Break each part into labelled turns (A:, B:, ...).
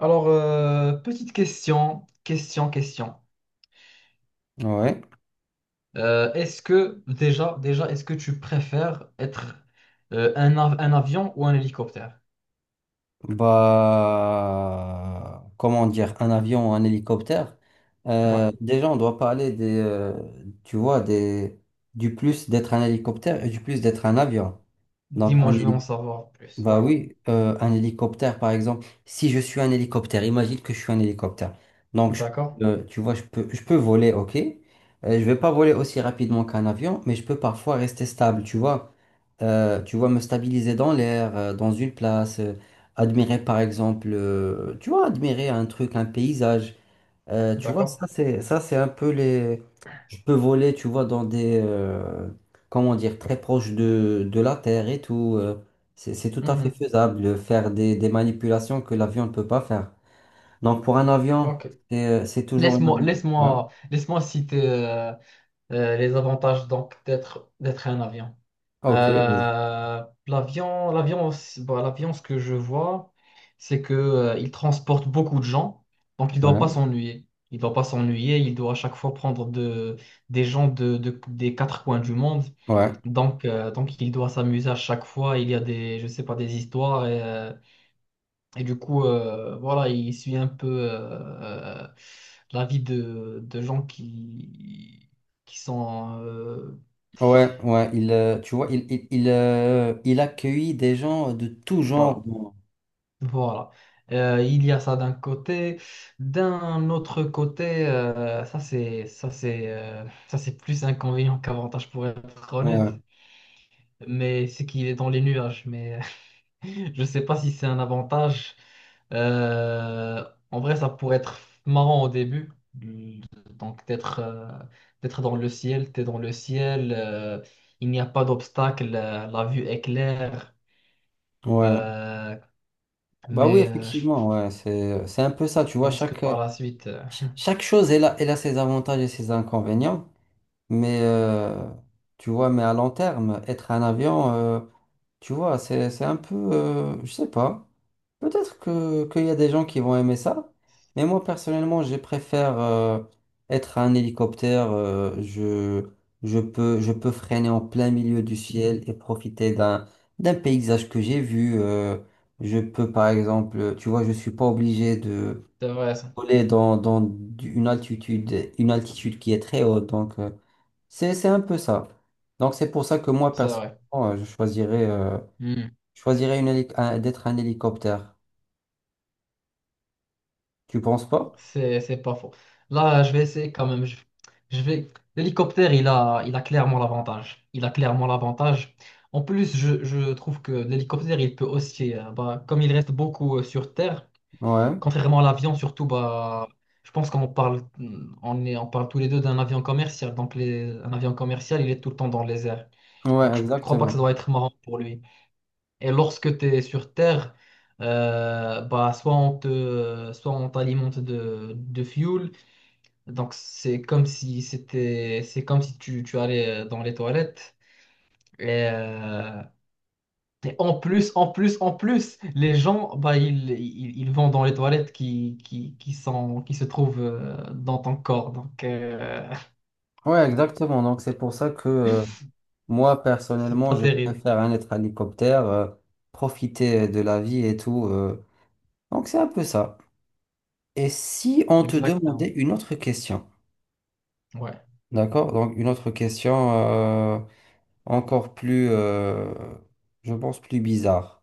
A: Alors, petite question.
B: Ouais,
A: Est-ce que est-ce que tu préfères être un avion ou un hélicoptère?
B: comment dire, un avion ou un hélicoptère.
A: Ouais.
B: Déjà, on doit parler des, tu vois, du plus d'être un hélicoptère et du plus d'être un avion. Donc,
A: Dis-moi,
B: un
A: je veux en
B: hélicoptère.
A: savoir plus.
B: Bah
A: Ouais.
B: oui, un hélicoptère par exemple. Si je suis un hélicoptère, imagine que je suis un hélicoptère. Donc,
A: D'accord.
B: tu vois, je peux voler, ok. Je vais pas voler aussi rapidement qu'un avion, mais je peux parfois rester stable, tu vois. Tu vois, me stabiliser dans l'air, dans une place, admirer par exemple, tu vois, admirer un truc, un paysage. Tu vois,
A: D'accord.
B: ça c'est un peu les. Je peux voler, tu vois, dans des comment dire très proches de la Terre et tout. C'est tout à fait
A: Mhm.
B: faisable de faire des manipulations que l'avion ne peut pas faire. Donc pour un avion,
A: Ok.
B: c'est toujours une. Ouais.
A: Laisse-moi citer les avantages donc d'être un avion.
B: Ok. Vas-y.
A: L'avion, bah, l'avion, ce que je vois, c'est que, il transporte beaucoup de gens, donc il ne doit pas
B: Ouais.
A: s'ennuyer. Il ne doit pas s'ennuyer, il doit à chaque fois des gens des quatre coins du monde.
B: Ouais.
A: Donc il doit s'amuser à chaque fois. Il y a des, je sais pas, des histoires. Et du coup, voilà, il suit un peu la vie de gens qui sont...
B: Ouais. Ouais. Il Tu vois, il accueille des gens de tout genre.
A: voilà. Voilà. Il y a ça d'un côté. D'un autre côté, ça c'est plus inconvénient qu'avantage pour être honnête.
B: Ouais.
A: Mais c'est qu'il est dans les nuages. Mais je sais pas si c'est un avantage. Euh, en vrai, ça pourrait être marrant au début. Donc d'être dans le ciel, t'es dans le ciel. Il n'y a pas d'obstacle. La vue est claire.
B: Ouais.
A: Euh,
B: Bah oui,
A: mais je
B: effectivement. Ouais. C'est un peu ça. Tu vois
A: pense que
B: chaque.
A: par la suite.
B: Chaque chose, elle a ses avantages et ses inconvénients, mais tu vois, à long terme, être un avion, tu vois, c'est un peu, je sais pas, peut-être que, qu'il y a des gens qui vont aimer ça, mais moi personnellement, je préfère être un hélicoptère. Je peux freiner en plein milieu du ciel et profiter d'un paysage que j'ai vu. Je peux par exemple, tu vois, je suis pas obligé
A: C'est vrai, ça.
B: voler dans une altitude qui est très haute. Donc, c'est un peu ça. Donc, c'est pour ça que moi,
A: C'est vrai.
B: personnellement, euh, je choisirais, euh,
A: Hmm.
B: je choisirais d'être un hélicoptère. Tu penses pas?
A: C'est pas faux. Là, je vais essayer quand même. Je vais... L'hélicoptère, il a clairement l'avantage. Il a clairement l'avantage. En plus, je trouve que l'hélicoptère, il peut aussi, bah, comme il reste beaucoup sur Terre,
B: Ouais.
A: contrairement à l'avion, surtout, bah, je pense qu'on parle, hmm, on est, on parle tous les deux d'un avion commercial. Donc, un avion commercial, il est tout le temps dans les airs.
B: Ouais,
A: Donc, je crois pas que ça
B: exactement.
A: doit être marrant pour lui. Et lorsque tu es sur Terre, bah, soit on t'alimente de fuel. Donc, c'est comme si tu allais dans les toilettes. Et, euh, et en plus, les gens, bah, ils vont dans les toilettes qui sont, qui se trouvent dans ton corps. Donc,
B: Ouais, exactement. Donc, c'est pour ça que moi,
A: c'est
B: personnellement,
A: pas
B: je
A: terrible.
B: préfère un être hélicoptère. Profiter de la vie et tout. Donc, c'est un peu ça. Et si on te demandait
A: Exactement.
B: une autre question,
A: Ouais.
B: d'accord? Donc, une autre question. Encore plus, je pense, plus bizarre.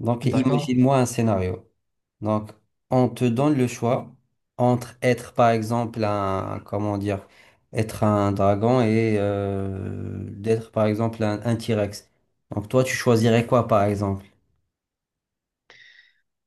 B: Donc,
A: D'accord.
B: imagine-moi un scénario. Donc, on te donne le choix entre être, par exemple, comment dire, être un dragon et d'être, par exemple, un T-Rex. Donc, toi, tu choisirais quoi, par exemple?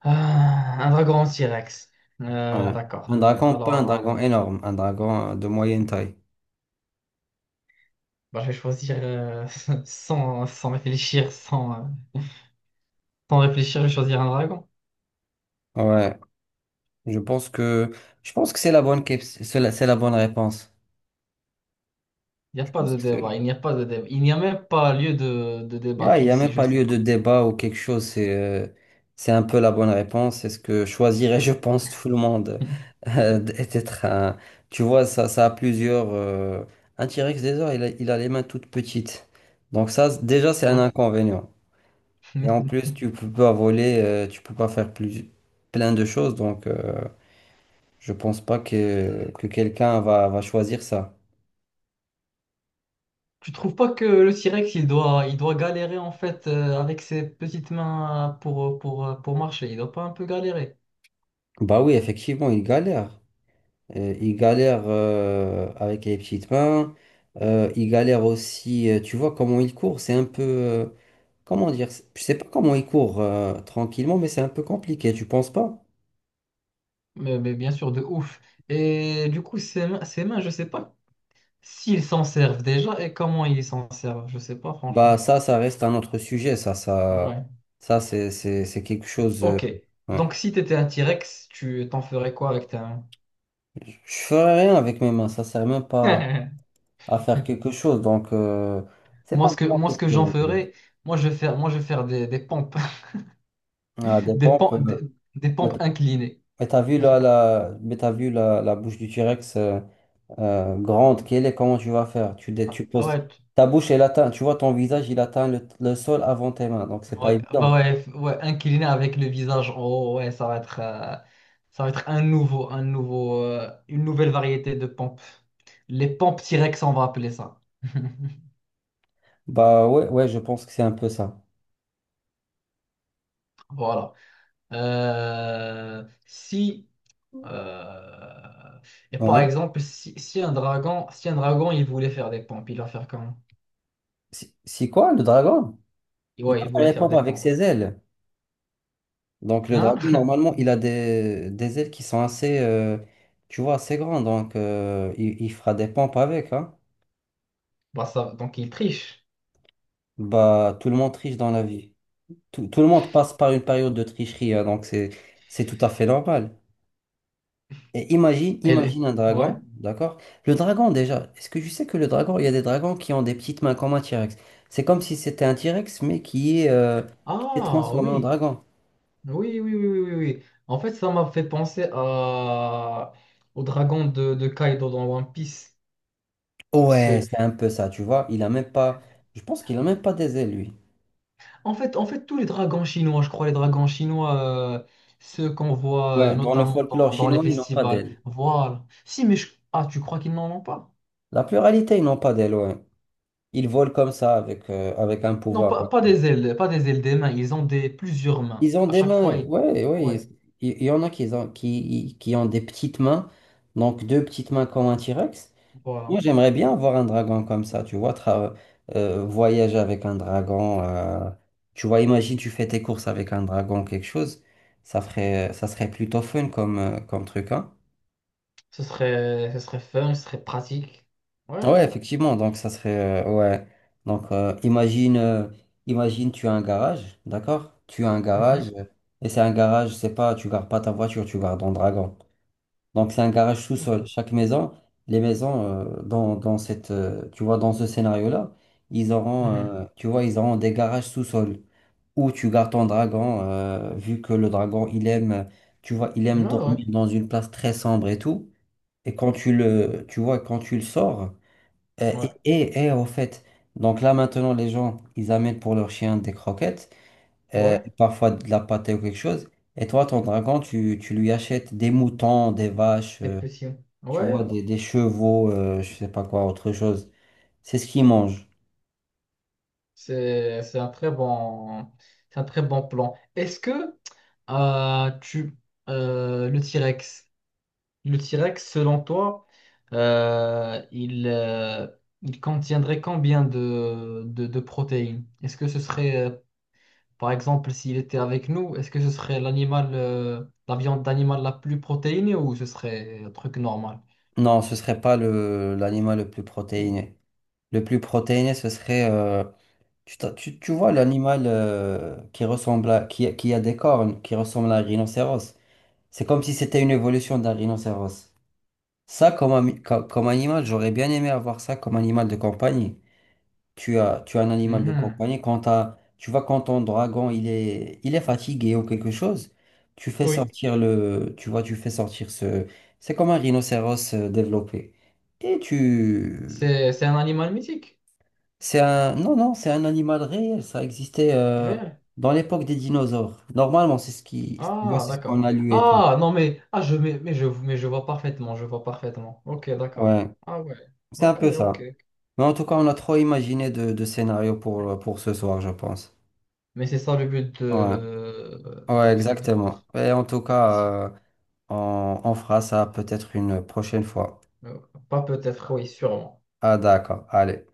A: Ah, un dragon en T-Rex.
B: Ouais. Un
A: D'accord.
B: dragon, pas un
A: Alors,
B: dragon
A: alors.
B: énorme, un dragon de moyenne taille.
A: Bah, je vais choisir sans réfléchir, sans réfléchir, je vais choisir un dragon.
B: Ouais, je pense que, je pense que c'est la bonne réponse. Je pense que c'est-
A: Il n'y a pas de débat. Il n'y a même pas lieu de
B: Là, il
A: débattre
B: n'y a
A: ici,
B: même
A: je
B: pas
A: sais
B: lieu de
A: pas.
B: débat ou quelque chose. C'est un peu la bonne réponse. C'est ce que choisirait, je pense, tout le monde. D'être un. Tu vois, ça a plusieurs. Un T-Rex, déjà, il a les mains toutes petites. Donc ça, déjà, c'est un
A: Ouais.
B: inconvénient. Et en plus, tu peux pas voler, tu peux pas faire plein de choses. Donc, je pense pas que quelqu'un va choisir ça.
A: Tu trouves pas que le T-Rex, il doit galérer en fait avec ses petites mains pour marcher. Il doit pas un peu galérer.
B: Bah oui, effectivement, il galère. Ils galèrent avec les petites mains. Ils galèrent aussi. Tu vois comment il court, c'est un peu, comment dire, je sais pas comment il court tranquillement, mais c'est un peu compliqué, tu penses pas?
A: Mais bien sûr, de ouf. Et du coup, ses mains, je sais pas s'ils s'en servent déjà et comment ils s'en servent. Je sais pas,
B: Bah
A: franchement.
B: ça, ça reste un autre sujet. ça, ça,
A: Ouais.
B: ça c'est c'est- c'est quelque chose.
A: Ok.
B: Ouais.
A: Donc, si t'étais un T-Rex, tu t'en ferais quoi avec ta...
B: Je ferais rien avec mes mains, ça sert même pas à faire quelque chose, donc c'est pas vraiment
A: Moi, ce
B: quelque.
A: que j'en ferais, moi, je vais faire des pompes,
B: Ah, des
A: des,
B: pompes.
A: pom- des,
B: Euh,
A: des
B: mais
A: pompes
B: t-
A: inclinées.
B: mais t'as vu là, la, mais t'as vu la bouche du T-Rex. Grande qu'elle est, comment tu vas faire? Tu, dé-
A: Ah,
B: tu poses
A: Ouais, tu-
B: ta bouche, elle atteint, tu vois, ton visage, il atteint le sol avant tes mains, donc c'est pas
A: ouais,
B: évident.
A: ouais, incliné avec le visage en haut, ouais, ça va être un nouveau, une nouvelle variété de pompes. Les pompes T-Rex, on va appeler ça.
B: Bah ouais, ouais, je pense que c'est un peu ça.
A: Voilà. Si Euh, Et par
B: Ouais.
A: exemple, si un dragon, si un dragon, il voulait faire des pompes, il va faire comment?
B: Si quoi, le dragon? Il
A: Ouais,
B: va
A: il
B: faire
A: voulait
B: les
A: faire
B: pompes
A: des
B: avec
A: pompes.
B: ses ailes. Donc le
A: Hein?
B: dragon, normalement, il a des ailes qui sont assez grandes, donc il fera des pompes avec, hein.
A: Bah ça, donc il triche.
B: Bah, tout le monde triche dans la vie. Tout le monde passe par une période de tricherie, hein, donc c'est tout à fait normal. Et imagine,
A: Elle est.
B: imagine un
A: Ouais.
B: dragon, d'accord? Le dragon déjà, est-ce que je sais que le dragon, il y a des dragons qui ont des petites mains comme un T-Rex. C'est comme si c'était un T-Rex, mais qui s'est
A: Ah
B: transformé en
A: oui.
B: dragon.
A: Oui, oui, oui, oui, oui, oui. En fait, ça m'a fait penser à... au dragon de Kaido dans One Piece.
B: Ouais,
A: Ce-
B: c'est un peu ça, tu vois. Il a même pas, je pense qu'il a même pas des ailes, lui.
A: En fait, tous les dragons chinois, je crois, les dragons chinois, euh, ceux qu'on voit
B: Ouais, dans le
A: notamment
B: folklore
A: dans les
B: chinois, ils n'ont pas
A: festivals.
B: d'ailes.
A: Voilà. Si, mais je- Ah, tu crois qu'ils n'en ont pas?
B: La pluralité, ils n'ont pas d'ailes, ouais. Ils volent comme ça avec un pouvoir. Un
A: Pas
B: truc.
A: des ailes, pas des ailes des mains, ils ont des plusieurs mains.
B: Ils ont
A: À
B: des
A: chaque fois,
B: mains,
A: ils...
B: ouais, ouais.
A: Ouais,
B: Il y en a qui ont, qui ont des petites mains, donc deux petites mains comme un T-Rex. Moi,
A: voilà.
B: j'aimerais bien avoir un dragon comme ça, tu vois. Voyager avec un dragon. Tu vois, imagine, tu fais tes courses avec un dragon, quelque chose. Ça ferait, ça serait plutôt fun comme, comme truc, hein.
A: Ce serait fun, ce serait pratique. Ouais,
B: Ouais,
A: ouais.
B: effectivement, donc ça serait. Ouais. Donc, imagine, tu as un garage, d'accord? Tu as un garage,
A: Mhm.
B: et c'est un garage, c'est pas, tu gardes pas ta voiture, tu gardes ton dragon. Donc, c'est un garage
A: Ok.
B: sous-sol. Les maisons dans ce scénario-là, ils auront,
A: Mhm.
B: euh, tu vois, ils auront des garages sous-sol où tu gardes ton dragon. Vu que le dragon, il aime, tu vois, il
A: Ouais,
B: aime
A: ouais.
B: dormir dans une place très sombre et tout. Et quand tu le sors. euh,
A: Ouais,
B: et, et, et au fait, donc là maintenant, les gens, ils amènent pour leur chien des croquettes,
A: ouais.
B: parfois de la pâtée ou quelque chose. Et toi, ton dragon, tu lui achètes des moutons, des vaches.
A: Des petits.
B: Tu
A: Ouais,
B: vois, des chevaux, je sais pas quoi, autre chose. C'est ce qu'ils mangent.
A: c'est, c'est un très bon, c'est un très bon plan. Est-ce que tu, le T-Rex, Le T-Rex, selon toi, euh, il, euh, il contiendrait combien de protéines? Est-ce que ce serait, par exemple, s'il était avec nous, est-ce que ce serait l'animal, la viande d'animal la plus protéinée ou ce serait un truc normal?
B: Non, ce serait pas l'animal le plus protéiné. Le plus protéiné, ce serait. Tu vois l'animal qui ressemble à. Qui a des cornes, qui ressemble à un rhinocéros. C'est comme si c'était une évolution d'un rhinocéros. Ça, comme, comme animal, j'aurais bien aimé avoir ça comme animal de compagnie. Tu as un animal de
A: Mhm.
B: compagnie, tu vois, quand ton dragon il est fatigué ou quelque chose, tu fais
A: Oui.
B: sortir le, tu vois, tu fais sortir ce, c'est comme un rhinocéros développé. Et tu,
A: C'est un animal mythique,
B: c'est un, non, non, c'est un animal réel, ça existait
A: réel.
B: dans l'époque des dinosaures. Normalement, c'est ce qui, tu vois,
A: Ah,
B: c'est ce
A: d'accord.
B: qu'on a lu et tout.
A: Ah, non, mais, ah, je, mais je vois parfaitement, je vois parfaitement. Ok, d'accord.
B: Ouais,
A: Ah ouais.
B: c'est un
A: Ok,
B: peu
A: ok.
B: ça. Mais en tout cas, on a trop imaginé de scénarios pour ce soir, je pense.
A: Mais c'est ça le but
B: Ouais, ouais,
A: de
B: exactement.
A: notre
B: Et en tout
A: émission.
B: cas, on fera ça peut-être une prochaine fois.
A: Euh, Pas peut-être, oui, sûrement.
B: Ah d'accord, allez.